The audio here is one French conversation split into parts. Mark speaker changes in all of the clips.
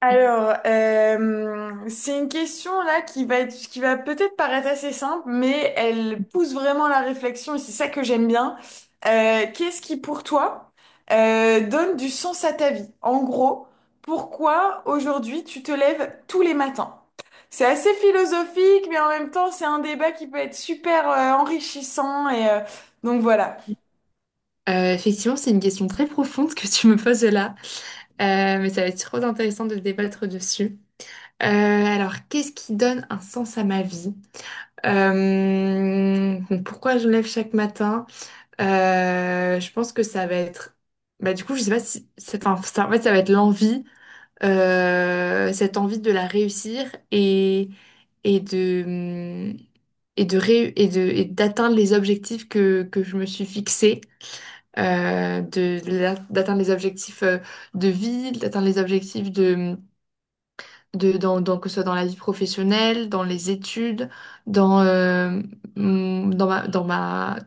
Speaker 1: Alors, c'est une question là qui va peut-être paraître assez simple, mais elle pousse vraiment la réflexion et c'est ça que j'aime bien. Qu'est-ce qui, pour toi, donne du sens à ta vie? En gros, pourquoi aujourd'hui tu te lèves tous les matins? C'est assez philosophique, mais en même temps, c'est un débat qui peut être super enrichissant donc voilà.
Speaker 2: Effectivement, c'est une question très profonde que tu me poses là. Mais ça va être trop intéressant de débattre dessus. Alors, qu'est-ce qui donne un sens à ma vie? Donc, pourquoi je me lève chaque matin? Je pense que ça va être... Bah, du coup, je sais pas si... enfin, ça, en fait, ça va être l'envie, cette envie de la réussir et, et de... Et de ré- et de, et d'atteindre les objectifs que je me suis fixés. D'atteindre les objectifs de vie, d'atteindre les objectifs que ce soit dans la vie professionnelle, dans les études, dans, mm, dans ma, dans ma,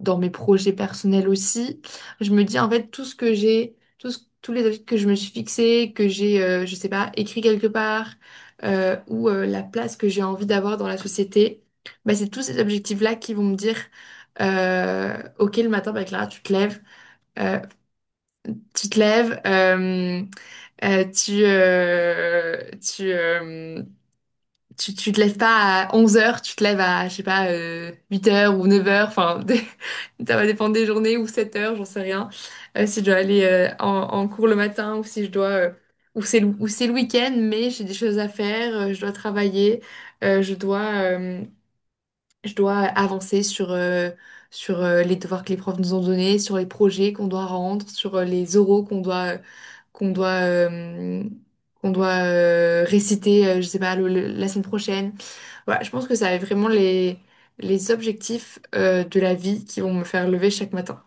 Speaker 2: dans mes projets personnels aussi. Je me dis, en fait, tout ce que j'ai, tout ce- tous les objectifs que je me suis fixés, que j'ai, je sais pas, écrit quelque part, ou la place que j'ai envie d'avoir dans la société. Bah, c'est tous ces objectifs-là qui vont me dire, OK, le matin, bah, Clara, tu te lèves. Euh, tu te lèves, tu, tu, tu, Tu te lèves pas à 11h, tu te lèves à, je sais pas, 8h ou 9h, enfin, ça va dépendre des journées, ou 7h, j'en sais rien. Si je dois aller en cours le matin, ou si je dois, ou c'est le week-end, mais j'ai des choses à faire. Je dois travailler, euh, je dois, euh, je dois avancer sur les devoirs que les profs nous ont donnés, sur les projets qu'on doit rendre, sur les oraux qu'on doit, euh, qu'on doit réciter, je sais pas, la semaine prochaine. Voilà, je pense que ça va être vraiment les objectifs de la vie qui vont me faire lever chaque matin.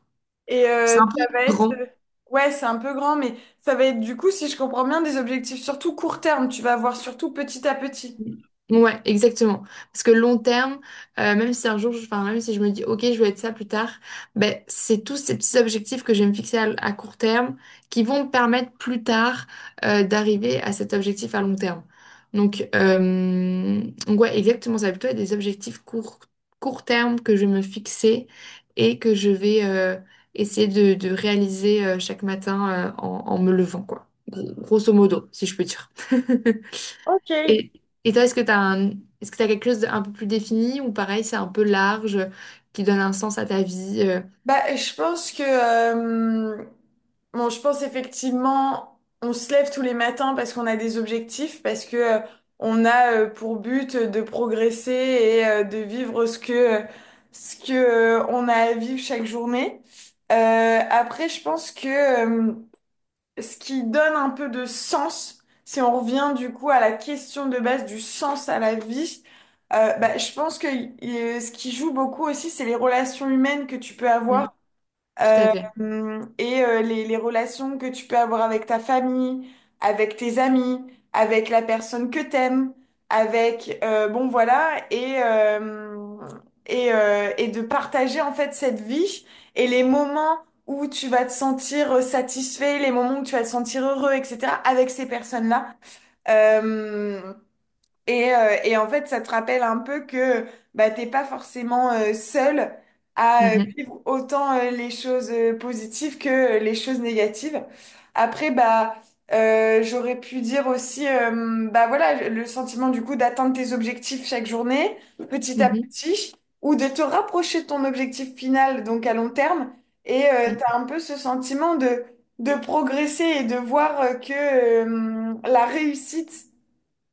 Speaker 1: Et
Speaker 2: C'est
Speaker 1: euh,
Speaker 2: un peu
Speaker 1: ça va être...
Speaker 2: grand.
Speaker 1: euh, Ouais, c'est un peu grand, mais ça va être du coup, si je comprends bien, des objectifs surtout court terme. Tu vas voir surtout petit à petit.
Speaker 2: Ouais, exactement. Parce que long terme, même si un jour, enfin, même si je me dis, OK, je veux être ça plus tard, ben, c'est tous ces petits objectifs que je vais me fixer à court terme qui vont me permettre plus tard d'arriver à cet objectif à long terme. Donc, ouais, exactement. Ça va plutôt être des objectifs court terme que je vais me fixer, et que je vais essayer de réaliser chaque matin, en me levant, quoi. Grosso modo, si je peux dire.
Speaker 1: Ok.
Speaker 2: Et, et toi, est-ce que tu quelque chose d'un peu plus défini, ou pareil, c'est un peu large, qui donne un sens à ta vie?
Speaker 1: Bah, bon, je pense effectivement, on se lève tous les matins parce qu'on a des objectifs, parce que on a pour but de progresser et de vivre ce que on a à vivre chaque journée. Après, je pense que euh, ce qui donne un peu de sens, si on revient du coup à la question de base du sens à la vie, bah, je pense que ce qui joue beaucoup aussi, c'est les relations humaines que tu peux
Speaker 2: Mm.
Speaker 1: avoir,
Speaker 2: Tout à
Speaker 1: euh,
Speaker 2: fait.
Speaker 1: et les relations que tu peux avoir avec ta famille, avec tes amis, avec la personne que t'aimes, avec bon voilà, et de partager en fait cette vie et les moments où tu vas te sentir satisfait, les moments où tu vas te sentir heureux, etc. avec ces personnes-là. Euh, et en fait, ça te rappelle un peu que bah, t'es pas forcément seul à
Speaker 2: Mhm.
Speaker 1: vivre autant les choses positives que les choses négatives. Après, bah, j'aurais pu dire aussi, bah voilà, le sentiment du coup d'atteindre tes objectifs chaque journée, petit à
Speaker 2: Mhm.
Speaker 1: petit, ou de te rapprocher de ton objectif final, donc à long terme. Et t'as un peu ce sentiment de progresser et de voir que la réussite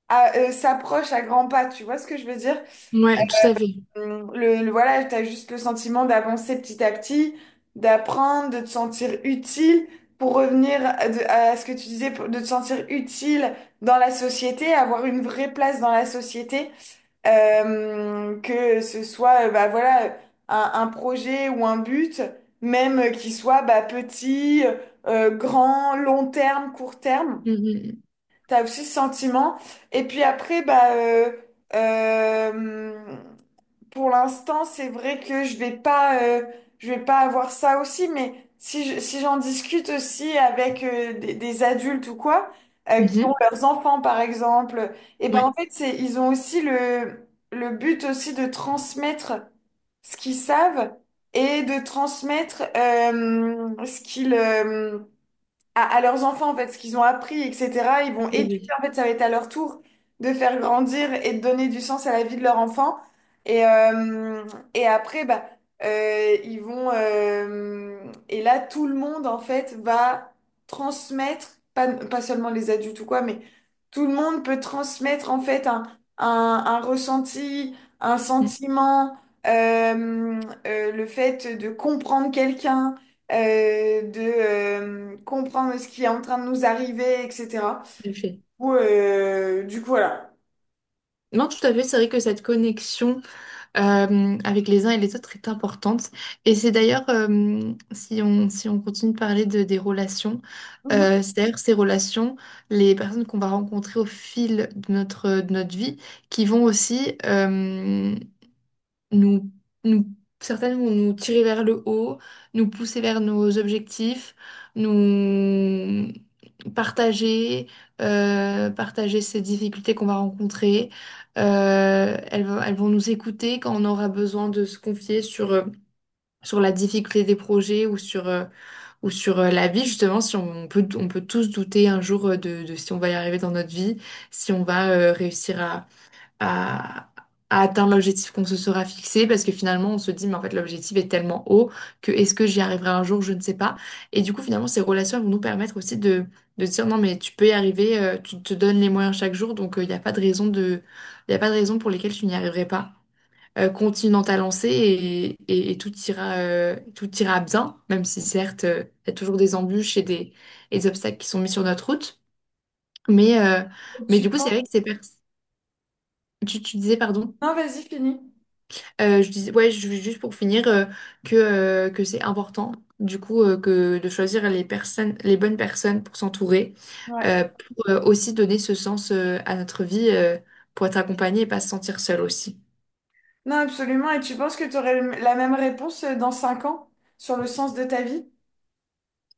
Speaker 1: s'approche à grands pas, tu vois ce que je veux dire?
Speaker 2: Mm. Ouais, tout à fait.
Speaker 1: Voilà, tu as juste le sentiment d'avancer petit à petit, d'apprendre, de te sentir utile pour revenir à ce que tu disais, de te sentir utile dans la société, avoir une vraie place dans la société. Que ce soit bah, voilà, un projet ou un but, même qui soit bah, petit, grand, long terme, court terme.
Speaker 2: Mhm.
Speaker 1: T'as aussi ce sentiment. Et puis après, bah, euh, pour l'instant, c'est vrai que je vais pas avoir ça aussi. Mais si j'en discute aussi avec des adultes ou quoi, qui ont
Speaker 2: Mhm.
Speaker 1: leurs enfants par exemple, et ben
Speaker 2: Ouais,
Speaker 1: en fait, c'est, ils ont aussi le but aussi de transmettre ce qu'ils savent et de transmettre ce qu'ils à leurs enfants, en fait, ce qu'ils ont appris, etc. Ils vont
Speaker 2: tout à
Speaker 1: éduquer,
Speaker 2: fait.
Speaker 1: en fait, ça va être à leur tour de faire grandir et de donner du sens à la vie de leur enfant. Et, euh, et après, bah, euh, ils vont... euh, et là, tout le monde, en fait, va transmettre, pas seulement les adultes ou quoi, mais tout le monde peut transmettre, en fait, un ressenti, un
Speaker 2: Mm,
Speaker 1: sentiment, euh, le fait de comprendre quelqu'un de comprendre ce qui est en train de nous arriver, etc.
Speaker 2: tout à fait.
Speaker 1: Ou, du coup, voilà.
Speaker 2: Non, tout à fait, c'est vrai que cette connexion avec les uns et les autres est importante. Et c'est d'ailleurs, si on continue de parler des relations,
Speaker 1: Mhm.
Speaker 2: c'est d'ailleurs ces relations, les personnes qu'on va rencontrer au fil de de notre vie, qui vont aussi nous, nous, certaines vont nous tirer vers le haut, nous pousser vers nos objectifs, nous, partager, partager ces difficultés qu'on va rencontrer. Elles vont nous écouter quand on aura besoin de se confier sur la difficulté des projets, ou sur la vie, justement, si on, on peut tous douter un jour, de si on va y arriver dans notre vie, si on va réussir à, à atteindre l'objectif qu'on se sera fixé, parce que finalement on se dit, mais en fait l'objectif est tellement haut que est-ce que j'y arriverai un jour, je ne sais pas. Et du coup, finalement, ces relations, elles vont nous permettre aussi de dire non, mais tu peux y arriver, tu te donnes les moyens chaque jour, donc il n'y a pas de raison il y a pas de raison pour lesquelles tu n'y arriverais pas. Continue dans ta lancée, et tout ira bien, même si certes, il y a toujours des embûches et des obstacles qui sont mis sur notre route. Mais, euh,
Speaker 1: Et
Speaker 2: mais
Speaker 1: tu
Speaker 2: du coup, c'est
Speaker 1: penses...
Speaker 2: vrai que Tu, disais, pardon?
Speaker 1: Non, vas-y, finis.
Speaker 2: Je disais, ouais, juste pour finir, que c'est important, du coup, que de choisir les personnes, les bonnes personnes pour s'entourer,
Speaker 1: Ouais.
Speaker 2: pour aussi donner ce sens à notre vie, pour être accompagné et pas se sentir seul aussi.
Speaker 1: Non, absolument. Et tu penses que tu aurais la même réponse dans 5 ans sur le sens de ta vie?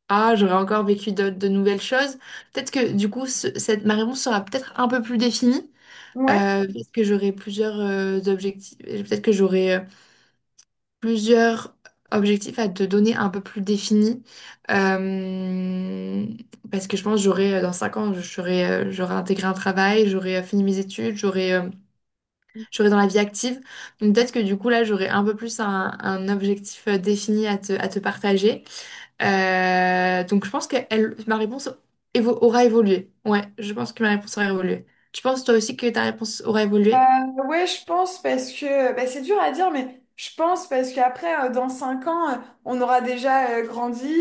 Speaker 2: Ah, j'aurais encore vécu de nouvelles choses. Peut-être que, du coup, ma réponse sera peut-être un peu plus définie,
Speaker 1: Ouais.
Speaker 2: parce que j'aurai plusieurs objectifs. Peut-être que j'aurai plusieurs objectifs à te donner un peu plus définis. Euh, Parce que je pense que dans 5 ans, j'aurai intégré un travail, j'aurai fini mes études, j'aurai dans la vie active. Donc peut-être que du coup, là, j'aurai un peu plus un objectif défini à à te partager. Donc je pense que ma réponse aura évolué. Ouais, je pense que ma réponse aura évolué. Tu penses toi aussi que ta réponse aura évolué?
Speaker 1: Euh, ouais, je pense parce que bah, c'est dur à dire, mais je pense parce qu'après, dans 5 ans, on aura déjà grandi,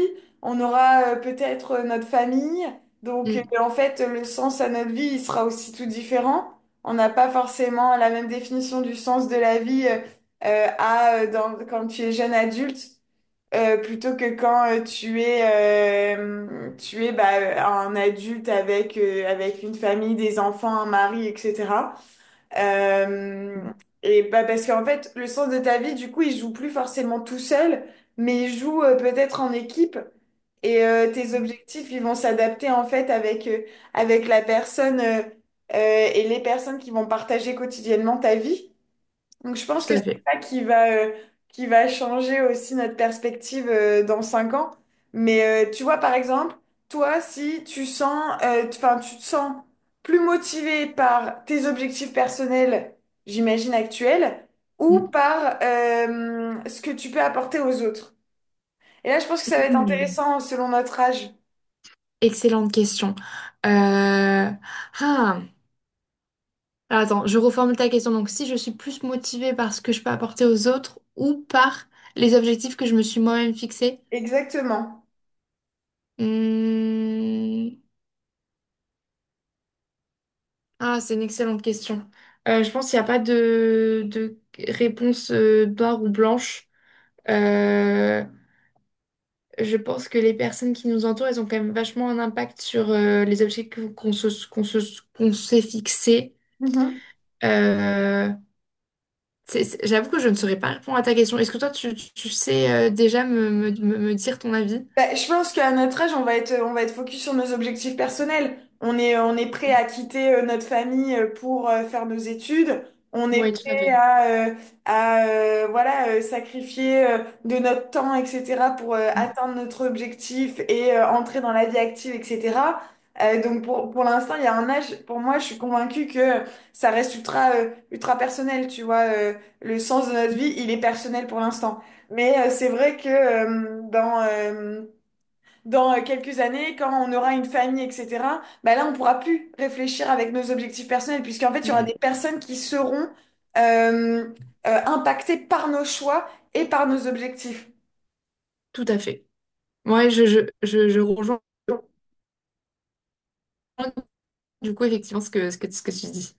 Speaker 1: on aura peut-être notre famille. Donc,
Speaker 2: Mm,
Speaker 1: en fait, le sens à notre vie, il sera aussi tout différent. On n'a pas forcément la même définition du sens de la vie quand tu es jeune adulte plutôt que quand tu es bah, un adulte avec avec une famille, des enfants, un mari, etc. Euh, et bah parce qu'en fait, le sens de ta vie, du coup, il joue plus forcément tout seul, mais il joue peut-être en équipe. Et tes objectifs, ils vont s'adapter en fait avec la personne et les personnes qui vont partager quotidiennement ta vie. Donc je pense
Speaker 2: tout
Speaker 1: que
Speaker 2: à
Speaker 1: c'est
Speaker 2: fait.
Speaker 1: ça qui va changer aussi notre perspective dans 5 ans. Mais tu vois, par exemple, toi, si tu sens, enfin, tu te sens plus motivé par tes objectifs personnels, j'imagine, actuels, ou par ce que tu peux apporter aux autres. Et là, je pense que ça va être
Speaker 2: Mm.
Speaker 1: intéressant selon notre âge.
Speaker 2: Excellente question. Euh, Ah, Alors, attends, je reformule ta question. Donc, si je suis plus motivée par ce que je peux apporter aux autres, ou par les objectifs que je me suis moi-même fixés?
Speaker 1: Exactement.
Speaker 2: Hmm. Ah, c'est une excellente question. Je pense qu'il n'y a pas de réponse noire ou blanche. Euh, je pense que les personnes qui nous entourent, elles ont quand même vachement un impact sur les objectifs qu'on s'est fixés. Euh, J'avoue que je ne saurais pas répondre à ta question. Est-ce que toi, sais déjà me dire ton avis?
Speaker 1: Bah, je pense qu'à notre âge, on va être focus sur nos objectifs personnels. On est prêt à quitter notre famille pour faire nos études. On est
Speaker 2: Oui, tout à fait.
Speaker 1: prêt à voilà, sacrifier de notre temps, etc., pour
Speaker 2: Mm.
Speaker 1: atteindre notre objectif et entrer dans la vie active, etc. Donc pour l'instant, il y a un âge, pour moi, je suis convaincue que ça reste ultra personnel, tu vois. Le sens de notre vie, il est personnel pour l'instant. Mais c'est vrai que dans quelques années, quand on aura une famille, etc., bah là, on pourra plus réfléchir avec nos objectifs personnels, puisqu'en fait, il y aura
Speaker 2: Mm.
Speaker 1: des personnes qui seront euh, impactées par nos choix et par nos objectifs.
Speaker 2: Tout à fait. Ouais, je rejoins du coup effectivement ce que tu dis.